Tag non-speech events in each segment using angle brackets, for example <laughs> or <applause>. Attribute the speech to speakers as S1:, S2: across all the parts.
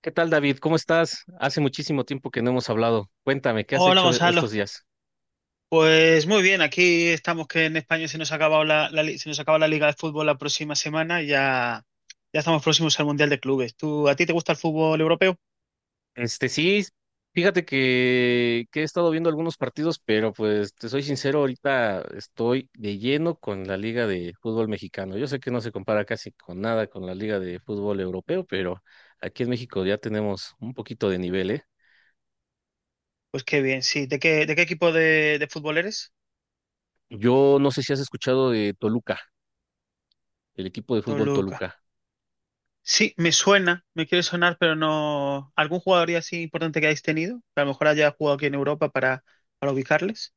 S1: ¿Qué tal, David? ¿Cómo estás? Hace muchísimo tiempo que no hemos hablado. Cuéntame, ¿qué has
S2: Hola
S1: hecho
S2: Gonzalo,
S1: estos días?
S2: pues muy bien, aquí estamos que en España se nos ha acabado se nos acaba la Liga de Fútbol la próxima semana, ya estamos próximos al Mundial de Clubes. ¿A ti te gusta el fútbol europeo?
S1: Este, sí, fíjate que he estado viendo algunos partidos, pero pues te soy sincero, ahorita estoy de lleno con la Liga de Fútbol Mexicano. Yo sé que no se compara casi con nada con la Liga de Fútbol Europeo, pero aquí en México ya tenemos un poquito de nivel, ¿eh?
S2: Pues qué bien, sí. ¿De qué equipo de fútbol eres?
S1: Yo no sé si has escuchado de Toluca, el equipo de fútbol
S2: Toluca.
S1: Toluca.
S2: Sí, me suena, me quiere sonar, pero no. ¿Algún jugador así importante que hayáis tenido? Que a lo mejor haya jugado aquí en Europa para ubicarles.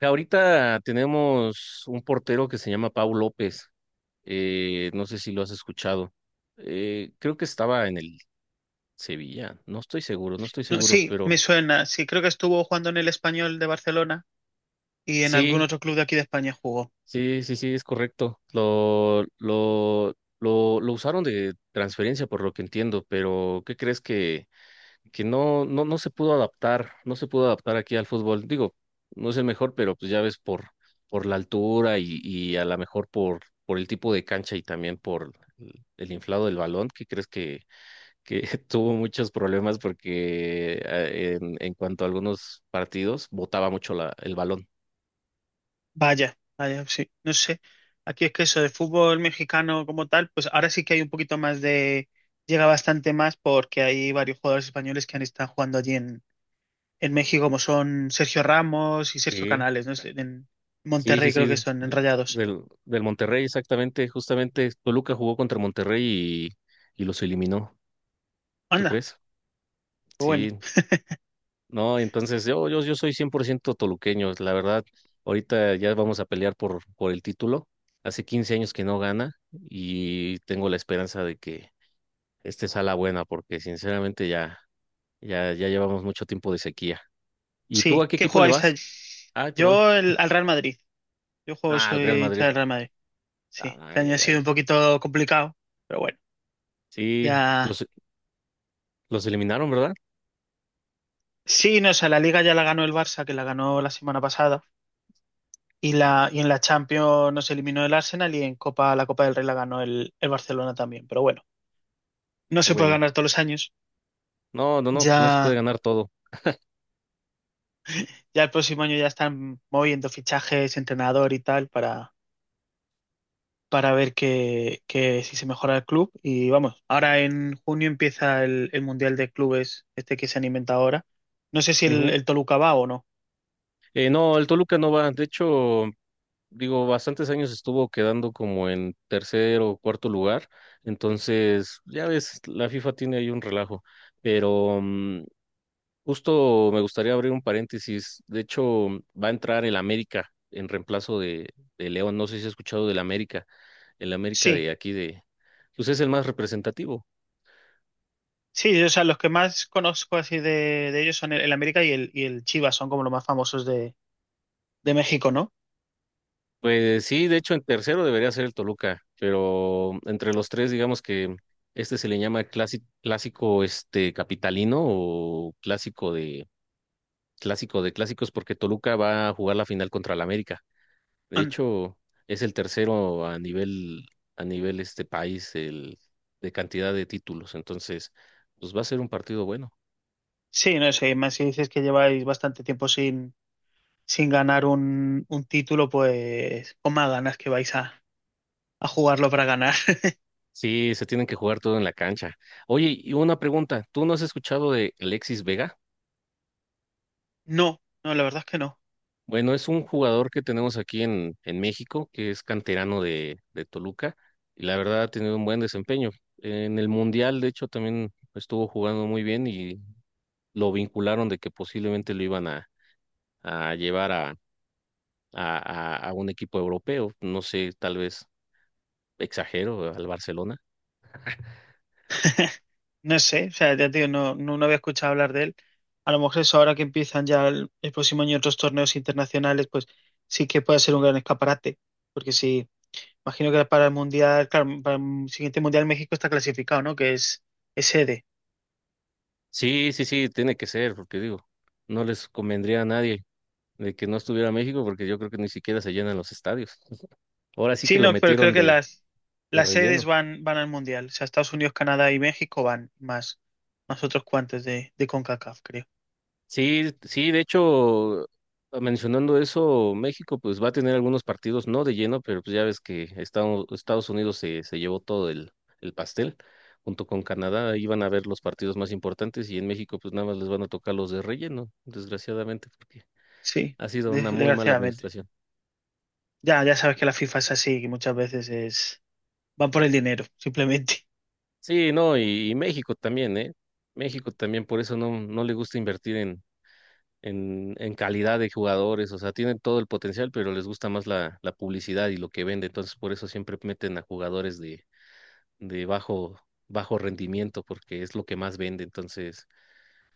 S1: Ahorita tenemos un portero que se llama Pau López. No sé si lo has escuchado. Creo que estaba en el Sevilla. No estoy seguro, no estoy
S2: No,
S1: seguro,
S2: sí, me
S1: pero
S2: suena, sí, creo que estuvo jugando en el Español de Barcelona y en algún
S1: sí,
S2: otro club de aquí de España jugó.
S1: sí, sí, sí, es correcto. Lo usaron de transferencia, por lo que entiendo, pero ¿qué crees que no, no se pudo adaptar? No se pudo adaptar aquí al fútbol. Digo, no es el mejor, pero pues ya ves por la altura y a lo mejor por el tipo de cancha y también por el inflado del balón. ¿Qué crees que que <laughs> tuvo muchos problemas porque en cuanto a algunos partidos botaba mucho el balón.
S2: Vaya, vaya, sí, no sé. Aquí es que eso de fútbol mexicano como tal, pues ahora sí que hay un poquito más de... Llega bastante más porque hay varios jugadores españoles que han estado jugando en México, como son Sergio Ramos y Sergio
S1: Sí,
S2: Canales, ¿no sé? En
S1: sí, sí,
S2: Monterrey creo que
S1: sí,
S2: son, en Rayados.
S1: del Monterrey, exactamente, justamente Toluca jugó contra Monterrey y los eliminó, ¿tú
S2: Anda,
S1: crees?
S2: pues bueno,
S1: Sí, no, entonces yo soy 100% toluqueño, la verdad, ahorita ya vamos a pelear por el título, hace 15 años que no gana y tengo la esperanza de que este sea la buena, porque sinceramente ya... Ya, ya llevamos mucho tiempo de sequía. ¿Y tú
S2: sí.
S1: a qué
S2: ¿Qué
S1: equipo le
S2: jugáis
S1: vas?
S2: allí?
S1: Ay, perdón.
S2: Al Real Madrid. Yo juego,
S1: Ah, al Real
S2: soy hincha
S1: Madrid.
S2: del Real Madrid. Sí, este
S1: Ay, ay,
S2: año ha
S1: ay.
S2: sido un poquito complicado, pero bueno,
S1: Sí,
S2: ya...
S1: los eliminaron, ¿verdad?
S2: Sí, no, o sea, la Liga ya la ganó el Barça, que la ganó la semana pasada. Y y en la Champions nos eliminó el Arsenal, y en Copa, la Copa del Rey la ganó el Barcelona también. Pero bueno, no
S1: Qué
S2: se puede
S1: bueno.
S2: ganar todos los años.
S1: No, no, no, pues no se puede
S2: Ya,
S1: ganar todo.
S2: ya el próximo año ya están moviendo fichajes, entrenador y tal para ver que si se mejora el club. Y vamos, ahora en junio empieza el Mundial de Clubes, este que se han inventado ahora. No sé si
S1: Ujú.
S2: el Toluca va o no.
S1: No, el Toluca no va. De hecho, digo, bastantes años estuvo quedando como en tercer o cuarto lugar. Entonces, ya ves, la FIFA tiene ahí un relajo. Pero justo me gustaría abrir un paréntesis. De hecho, va a entrar el América en reemplazo de León. No sé si has escuchado del América. El América
S2: Sí,
S1: de aquí de, pues es el más representativo.
S2: sí, o sea, los que más conozco así de ellos son el América y el Chivas, son como los más famosos de México, ¿no?
S1: Pues sí, de hecho, en tercero debería ser el Toluca, pero entre los tres, digamos que este se le llama clásico este capitalino o clásico de clásicos, porque Toluca va a jugar la final contra el América. De
S2: Han.
S1: hecho, es el tercero a nivel este país el, de cantidad de títulos. Entonces, pues va a ser un partido bueno.
S2: Sí, no sé, más si dices que lleváis bastante tiempo sin ganar un título, pues con más ganas que vais a jugarlo para ganar. <laughs>
S1: Sí, se tienen que jugar todo en la cancha. Oye, y una pregunta, ¿tú no has escuchado de Alexis Vega?
S2: No, no, la verdad es que no.
S1: Bueno, es un jugador que tenemos aquí en México, que es canterano de Toluca, y la verdad ha tenido un buen desempeño. En el Mundial, de hecho, también estuvo jugando muy bien y lo vincularon de que posiblemente lo iban a llevar a un equipo europeo. No sé, tal vez exagero al Barcelona.
S2: No sé, o sea, ya te digo, no había escuchado hablar de él. A lo mejor eso ahora que empiezan ya el próximo año otros torneos internacionales, pues sí que puede ser un gran escaparate. Porque sí, imagino que para el mundial, claro, para el siguiente mundial México está clasificado, ¿no? Que es sede.
S1: Sí, sí, sí, tiene que ser, porque digo, no les convendría a nadie de que no estuviera México, porque yo creo que ni siquiera se llenan los estadios. Ahora sí que
S2: Sí,
S1: lo
S2: no, pero creo
S1: metieron
S2: que
S1: de
S2: las sedes
S1: relleno.
S2: van al Mundial. O sea, Estados Unidos, Canadá y México van más, más otros cuantos de CONCACAF, creo.
S1: Sí, sí, de hecho, mencionando eso, México pues va a tener algunos partidos no de lleno, pero pues ya ves que Estados Unidos se llevó todo el pastel. Junto con Canadá iban a ver los partidos más importantes y en México pues nada más les van a tocar los de relleno, desgraciadamente, porque
S2: Sí,
S1: ha sido una muy mala
S2: desgraciadamente.
S1: administración.
S2: Ya, ya sabes que la FIFA es así, que muchas veces es, van por el dinero, simplemente.
S1: Sí, no, y México también, ¿eh? México también, por eso no, no le gusta invertir en en calidad de jugadores, o sea, tienen todo el potencial, pero les gusta más la publicidad y lo que vende, entonces por eso siempre meten a jugadores de bajo, bajo rendimiento, porque es lo que más vende, entonces,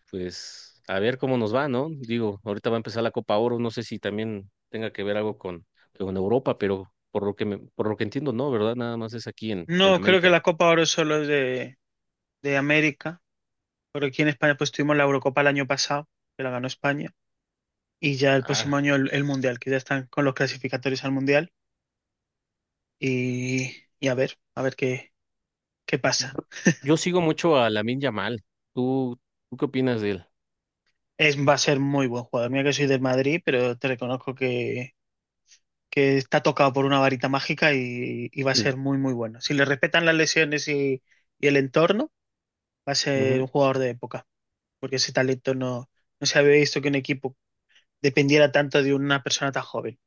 S1: pues, a ver cómo nos va, ¿no? Digo, ahorita va a empezar la Copa Oro, no sé si también tenga que ver algo con Europa, pero por lo que entiendo, no, ¿verdad? Nada más es aquí en
S2: No, creo que
S1: América.
S2: la Copa Oro solo es de América, pero aquí en España pues tuvimos la Eurocopa el año pasado, que la ganó España, y ya el
S1: Ah,
S2: próximo año el Mundial, que ya están con los clasificatorios al Mundial, y a ver qué, qué pasa.
S1: yo sigo mucho a Lamine Yamal. ¿Tú, ¿Tú qué opinas de él?
S2: Es, va a ser muy buen jugador. Mira que soy del Madrid, pero te reconozco que está tocado por una varita mágica y va a
S1: Mm,
S2: ser muy, muy bueno. Si le respetan las lesiones y el entorno, va a ser
S1: ujú.
S2: un jugador de época, porque ese talento no, no se había visto que un equipo dependiera tanto de una persona tan joven.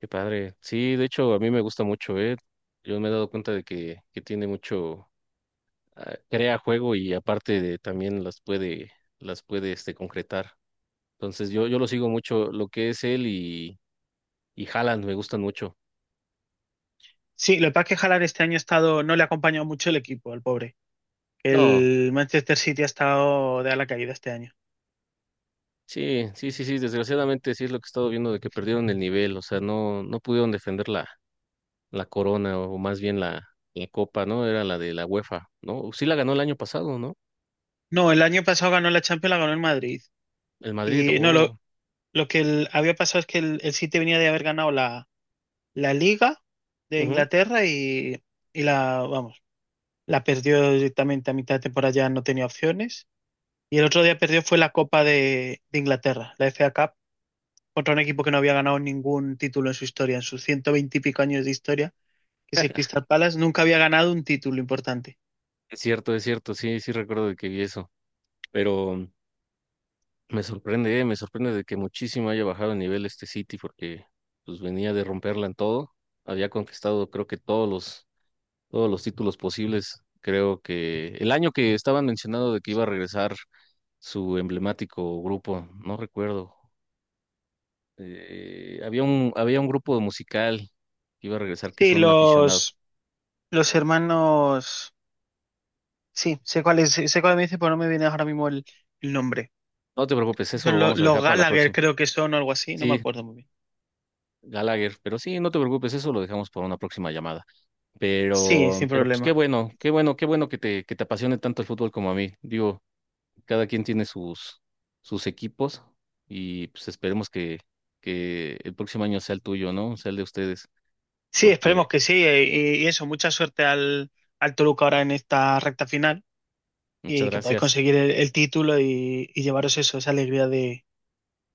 S1: Qué padre. Sí, de hecho, a mí me gusta mucho, ¿eh? Yo me he dado cuenta de que tiene mucho, ah, crea juego y aparte de también las puede este, concretar. Entonces yo lo sigo mucho, lo que es él y Haaland me gustan mucho.
S2: Sí, lo que pasa es que Haaland este año ha estado, no le ha acompañado mucho el equipo, al pobre.
S1: No,
S2: El Manchester City ha estado de a la caída este año.
S1: sí, sí, sí, sí, desgraciadamente sí es lo que he estado viendo de que perdieron el nivel, o sea, no, no pudieron defender la corona o más bien la copa, ¿no? Era la de la UEFA, ¿no? Sí la ganó el año pasado, ¿no?
S2: No, el año pasado ganó la Champions, la ganó el Madrid.
S1: El Madrid,
S2: Y no,
S1: oh.
S2: lo que el- Había pasado es que el City venía de haber ganado la Liga de
S1: Ujú.
S2: Inglaterra y la, vamos, la perdió directamente a mitad de temporada, ya no tenía opciones. Y el otro día perdió fue la Copa de Inglaterra, la FA Cup, contra un equipo que no había ganado ningún título en su historia, en sus 120 y pico años de historia, que es el Crystal Palace, nunca había ganado un título importante.
S1: Es cierto, sí, sí recuerdo de que vi eso, pero me sorprende de que muchísimo haya bajado de nivel este City porque pues venía de romperla en todo, había conquistado creo que todos los títulos posibles, creo que el año que estaban mencionando de que iba a regresar su emblemático grupo, no recuerdo, había un grupo musical que iba a regresar que
S2: Sí,
S1: son aficionados.
S2: los hermanos, sí, sé cuál es, sé cuál me dice, pero no me viene ahora mismo el nombre.
S1: No te preocupes, eso lo
S2: Son
S1: vamos a
S2: los
S1: dejar para la
S2: Gallagher,
S1: próxima.
S2: creo que son o algo así, no me
S1: Sí,
S2: acuerdo muy bien.
S1: Gallagher, pero sí, no te preocupes, eso lo dejamos para una próxima llamada.
S2: Sí,
S1: Pero,
S2: sin
S1: pero pues qué
S2: problema.
S1: bueno, qué bueno, qué bueno que te apasione tanto el fútbol como a mí. Digo, cada quien tiene sus, sus equipos y pues esperemos que el próximo año sea el tuyo, ¿no? Sea el de ustedes,
S2: Sí,
S1: porque
S2: esperemos que sí. Y eso, mucha suerte al Toluca ahora en esta recta final,
S1: muchas
S2: y que podáis
S1: gracias.
S2: conseguir el título y llevaros eso, esa alegría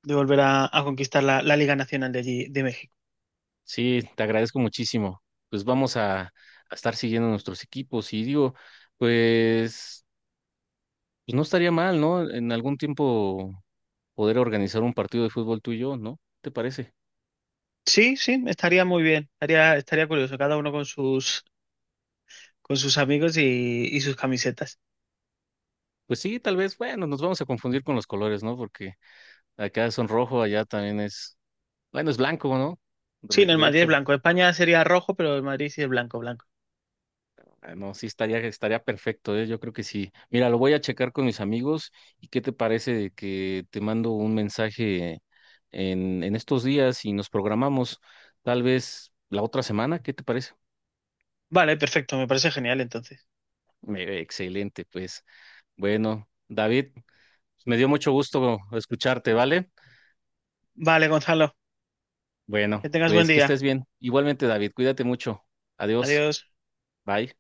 S2: de volver a conquistar la, la Liga Nacional de allí, de México.
S1: Sí, te agradezco muchísimo. Pues vamos a estar siguiendo nuestros equipos y digo, pues, pues no estaría mal, ¿no? En algún tiempo poder organizar un partido de fútbol tuyo, ¿no? ¿Te parece?
S2: Sí, sí, estaría muy bien. Estaría, estaría curioso, cada uno con con sus amigos y sus camisetas.
S1: Pues sí, tal vez, bueno, nos vamos a confundir con los colores, ¿no? Porque acá son rojo, allá también es, bueno, es blanco, ¿no?
S2: Sí, no, el
S1: De
S2: Madrid es
S1: hecho,
S2: blanco. España sería rojo, pero el Madrid sí es blanco, blanco.
S1: ah, no, sí estaría, estaría perfecto, ¿eh? Yo creo que sí. Mira, lo voy a checar con mis amigos y qué te parece de que te mando un mensaje en estos días y nos programamos tal vez la otra semana, ¿qué te parece?
S2: Vale, perfecto, me parece genial entonces.
S1: Excelente, pues. Bueno, David, me dio mucho gusto escucharte, ¿vale?
S2: Vale, Gonzalo.
S1: Bueno,
S2: Que tengas buen
S1: pues que
S2: día.
S1: estés bien. Igualmente, David, cuídate mucho. Adiós.
S2: Adiós.
S1: Bye.